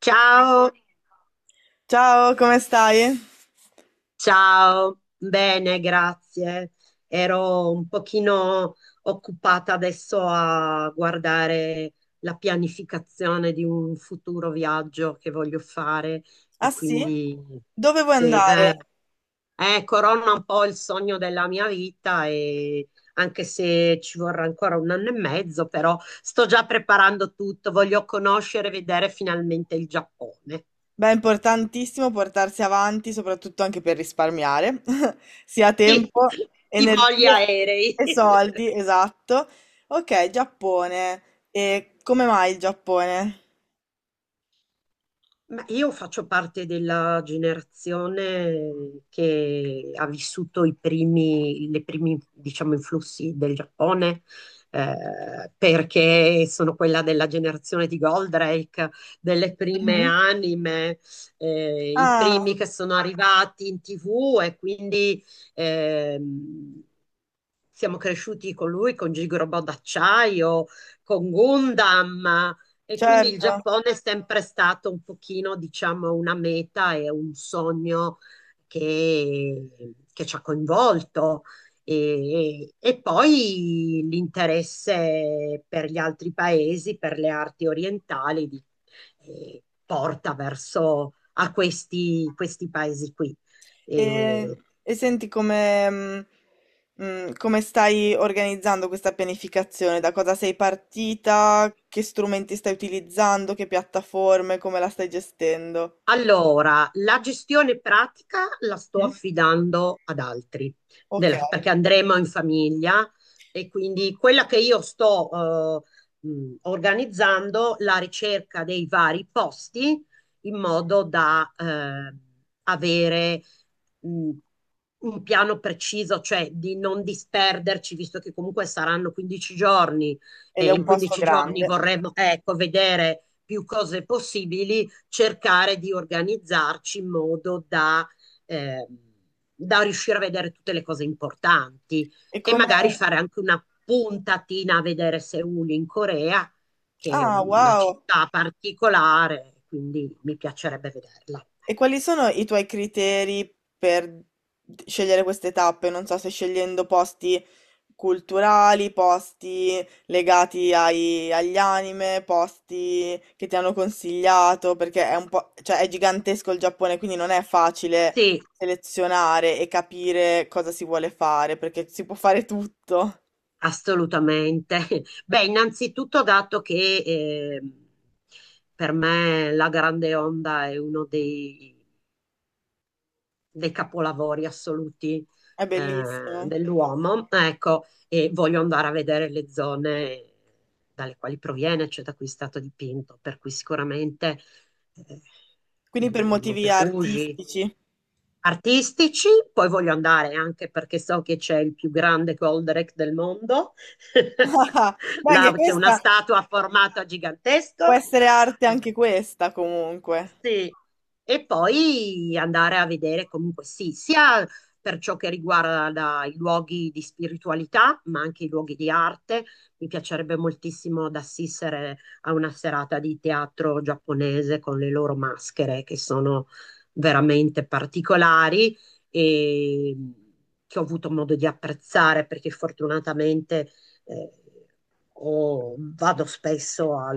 Ciao, Ciao, come stai? ciao, bene, grazie. Ero un pochino occupata adesso a guardare la pianificazione di un futuro viaggio che voglio fare Ah e sì? quindi Dove vuoi se, andare? Corona un po' il sogno della mia vita e anche se ci vorrà ancora un anno e mezzo, però sto già preparando tutto, voglio conoscere e vedere finalmente il Giappone. Beh, è importantissimo portarsi avanti, soprattutto anche per risparmiare, sia Sì, tempo, i voli energie aerei. e soldi, esatto. Ok, Giappone. E come mai il Giappone? Ma io faccio parte della generazione che ha vissuto i primi, le primi, diciamo, influssi del Giappone, perché sono quella della generazione di Goldrake, delle prime Mhm. anime, i Ah, primi che sono arrivati in TV e quindi ehm, siamo cresciuti con lui, con Gigobò d'acciaio, con Gundam. E quindi il certo. Giappone è sempre stato un pochino, diciamo, una meta e un sogno che, che ci ha coinvolto. E poi l'interesse per gli altri paesi, per le arti orientali, porta verso a questi paesi qui. E, E e senti come, come stai organizzando questa pianificazione? Da cosa sei partita? Che strumenti stai utilizzando? Che piattaforme? Come la stai gestendo? allora, la gestione pratica la sto Mm? affidando ad altri, Ok, perché andremo in famiglia e quindi quella che io sto organizzando la ricerca dei vari posti in modo da avere mh, un piano preciso, cioè di non disperderci, visto che comunque saranno 15 giorni ed è e un in posto 15 giorni grande. vorremmo, ecco, vedere più cose possibili, cercare di organizzarci in modo da, eh, da riuscire a vedere tutte le cose importanti E e come... magari fare anche una puntatina a vedere Seul in Corea, che è Ah, una wow! città particolare, quindi mi piacerebbe vederla. E quali sono i tuoi criteri per scegliere queste tappe? Non so se scegliendo posti culturali, posti agli anime, posti che ti hanno consigliato, perché è un po', cioè è gigantesco il Giappone, quindi non è facile Sì, selezionare e capire cosa si vuole fare, perché si può fare tutto. assolutamente. Beh, innanzitutto dato che per me la Grande Onda è uno dei dei capolavori assoluti È bellissimo. dell'uomo, ecco, e voglio andare a vedere le zone dalle quali proviene, cioè da cui è stato dipinto, per cui sicuramente eh, Quindi per il motivi Monte Fuji, artistici. artistici, poi voglio andare anche perché so che c'è il più grande Goldrake del mondo, Ma anche là c'è una questa statua a formato può gigantesco, essere arte, eh, anche questa comunque. sì. E poi andare a vedere comunque sì, sia per ciò che riguarda i luoghi di spiritualità, ma anche i luoghi di arte. Mi piacerebbe moltissimo ad assistere a una serata di teatro giapponese con le loro maschere che sono veramente particolari e che ho avuto modo di apprezzare perché fortunatamente eh, vado spesso a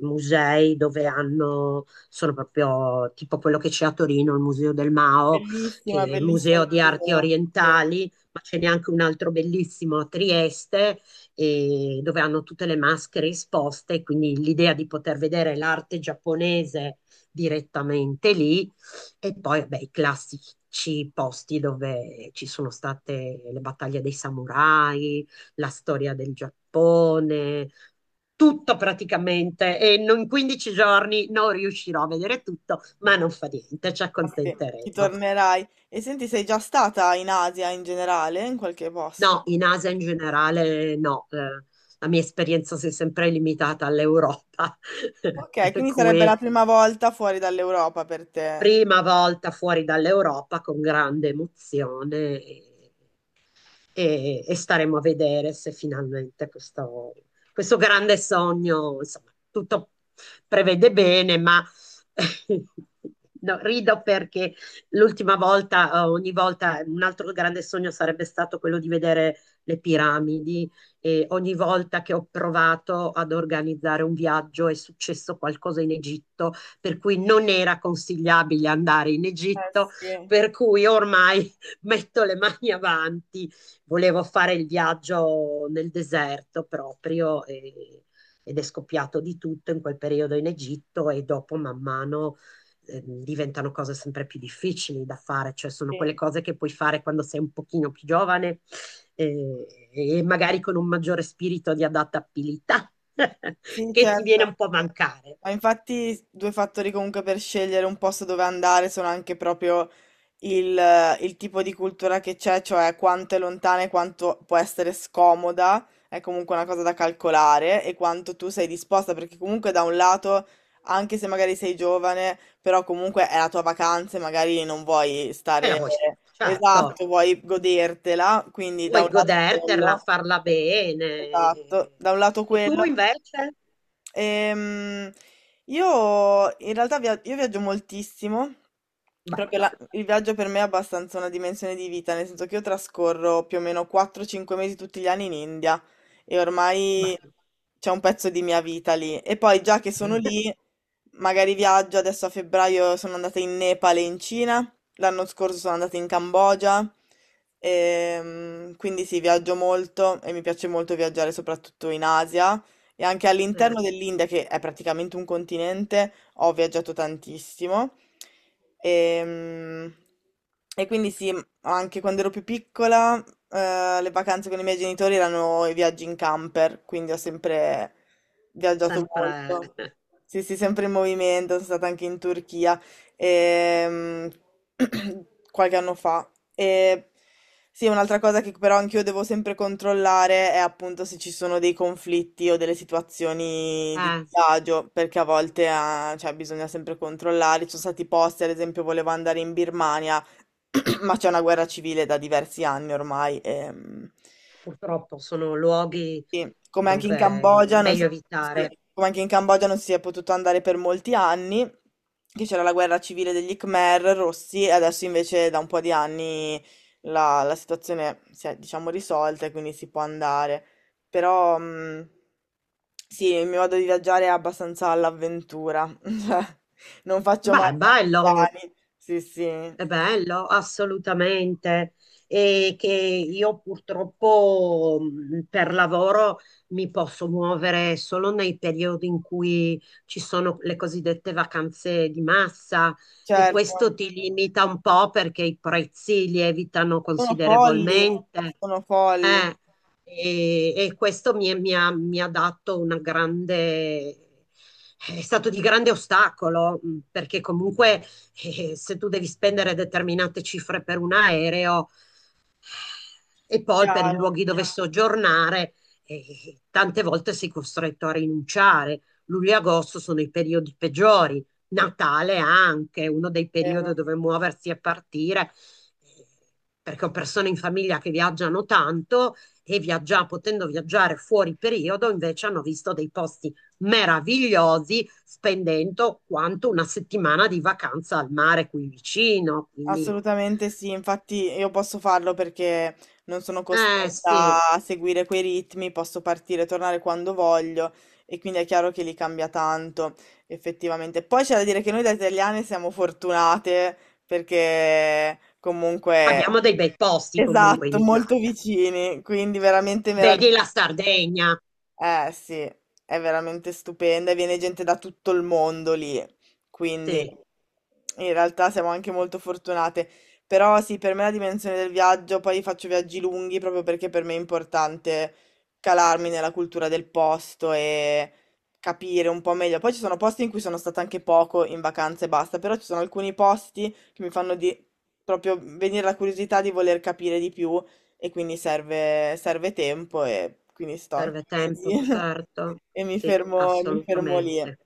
musei dove hanno sono proprio tipo quello che c'è a Torino, il Museo del Mao, che Bellissima, è il bellissimo Museo quel di Arti museo. Sì, Orientali, ma ce n'è anche un altro bellissimo a Trieste, e dove hanno tutte le maschere esposte, quindi l'idea di poter vedere l'arte giapponese direttamente lì e poi beh, i classici posti dove ci sono state le battaglie dei samurai, la storia del Giappone, tutto praticamente e in 15 giorni non riuscirò a vedere tutto, ma non fa niente, ci ah sì, ci accontenteremo. tornerai. E senti, sei già stata in Asia in generale, in qualche posto? No, in Asia in generale no, la mia esperienza si è sempre limitata all'Europa, Ok, per quindi sarebbe cui la prima volta fuori dall'Europa per te. prima volta fuori dall'Europa con grande emozione. E staremo a vedere se finalmente questo grande sogno, insomma, tutto prevede bene, ma no, rido perché l'ultima volta, ogni volta, un altro grande sogno sarebbe stato quello di vedere le piramidi e ogni volta che ho provato ad organizzare un viaggio è successo qualcosa in Egitto, per cui non era consigliabile andare in Eh Egitto, sì, per cui ormai metto le mani avanti, volevo fare il viaggio nel deserto proprio ed è scoppiato di tutto in quel periodo in Egitto e dopo man mano diventano cose sempre più difficili da fare, cioè sono quelle sì, cose che puoi fare quando sei un pochino più giovane, e magari con un maggiore spirito di adattabilità sì, che ti viene certo. un po' a mancare Ma infatti due fattori comunque per scegliere un posto dove andare sono anche proprio il tipo di cultura che c'è, cioè quanto è lontana e quanto può essere scomoda, è comunque una cosa da calcolare e quanto tu sei disposta, perché comunque da un lato, anche se magari sei giovane, però comunque è la tua vacanza e magari non vuoi e la stare vuoi fare, certo, esatto, vuoi godertela, quindi da vuoi un lato goderterla, quello, farla bene. esatto, da un lato E tu quello. invece? Ehm, io in realtà io viaggio moltissimo, proprio Bello, il viaggio per me è abbastanza una dimensione di vita, nel senso che io trascorro più o meno 4-5 mesi tutti gli anni in India e ormai bello. c'è un pezzo di mia vita lì. E poi già che sono Eh, lì, magari viaggio, adesso a febbraio sono andata in Nepal e in Cina, l'anno scorso sono andata in Cambogia, quindi sì, viaggio molto e mi piace molto viaggiare soprattutto in Asia. E anche all'interno dell'India, che è praticamente un continente, ho viaggiato tantissimo. Ehm, quindi sì, anche quando ero più piccola, le vacanze con i miei genitori erano i viaggi in camper, quindi ho sempre viaggiato sempre, molto. Sì, sì, sempre in movimento, sono stata anche in Turchia ehm, qualche anno fa. E sì, un'altra cosa che però anch'io devo sempre controllare è appunto se ci sono dei conflitti o delle situazioni di eh, disagio, perché a volte ah, cioè, bisogna sempre controllare. Ci sono stati posti, ad esempio, volevo andare in Birmania, ma c'è una guerra civile da diversi anni ormai. Purtroppo sono luoghi Sì, come anche in dove è Cambogia non si, meglio evitare. sì, come anche in Cambogia non si è potuto andare per molti anni, che c'era la guerra civile degli Khmer rossi, e adesso invece da un po' di anni la situazione si è, diciamo, risolta e quindi si può andare. Però, sì, il mio modo di viaggiare è abbastanza all'avventura, cioè, non faccio mai Beh, è bello. piani, sì, sì, È bello, assolutamente. E che io purtroppo per lavoro mi posso muovere solo nei periodi in cui ci sono le cosiddette vacanze di massa e certo, questo ti limita un po' perché i prezzi lievitano sono folli, considerevolmente. sono folli, Eh, mi ha dato una grande... È stato di grande ostacolo, perché comunque e se tu devi spendere determinate cifre per un aereo, e poi per i chiaro, luoghi dove soggiornare, tante volte sei costretto a rinunciare. Luglio e agosto sono i periodi peggiori, Natale anche, uno dei periodi vero. dove muoversi e partire, eh, perché ho persone in famiglia che viaggiano tanto e viaggia, potendo viaggiare fuori periodo, invece hanno visto dei posti meravigliosi spendendo quanto una settimana di vacanza al mare qui vicino. Quindi, Assolutamente sì, infatti io posso farlo perché non sono eh sì. costretta a seguire quei ritmi, posso partire e tornare quando voglio e quindi è chiaro che li cambia tanto, effettivamente. Poi c'è da dire che noi da italiane siamo fortunate perché Abbiamo comunque, dei bei posti comunque esatto, in molto Italia. vicini, quindi veramente Vedi la meraviglioso. Sardegna? Eh sì, è veramente stupenda e viene gente da tutto il mondo lì, quindi Sì, in realtà siamo anche molto fortunate. Però sì, per me la dimensione del viaggio, poi faccio viaggi lunghi proprio perché per me è importante calarmi nella cultura del posto e capire un po' meglio. Poi ci sono posti in cui sono stata anche poco in vacanza e basta, però ci sono alcuni posti che mi fanno di- proprio venire la curiosità di voler capire di più e quindi serve, serve tempo e quindi sto anche serve tempo, mesi certo. e Sì, mi fermo lì. assolutamente.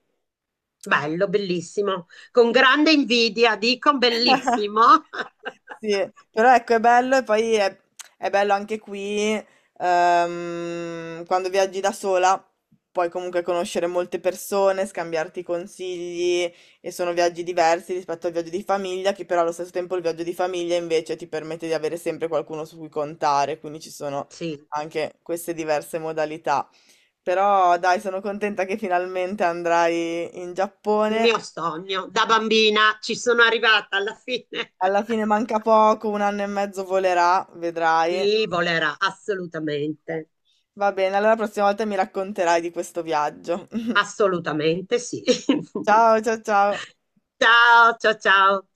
Bello, bellissimo. Con grande invidia, dico bellissimo. Sì, però ecco, è bello e è bello anche qui quando viaggi da sola. Puoi comunque conoscere molte persone, scambiarti consigli e sono viaggi diversi rispetto al viaggio di famiglia, che però allo stesso tempo il viaggio di famiglia invece ti permette di avere sempre qualcuno su cui contare, quindi ci sono Sì, anche queste diverse modalità. Però dai, sono contenta che finalmente andrai in il Giappone. mio sogno da bambina ci sono arrivata alla fine. Alla fine manca poco, un anno e mezzo volerà, vedrai. Sì, volerà, assolutamente. Va bene, allora la prossima volta mi racconterai di questo viaggio. Assolutamente sì. Ciao, ciao, ciao. Ciao, ciao, ciao.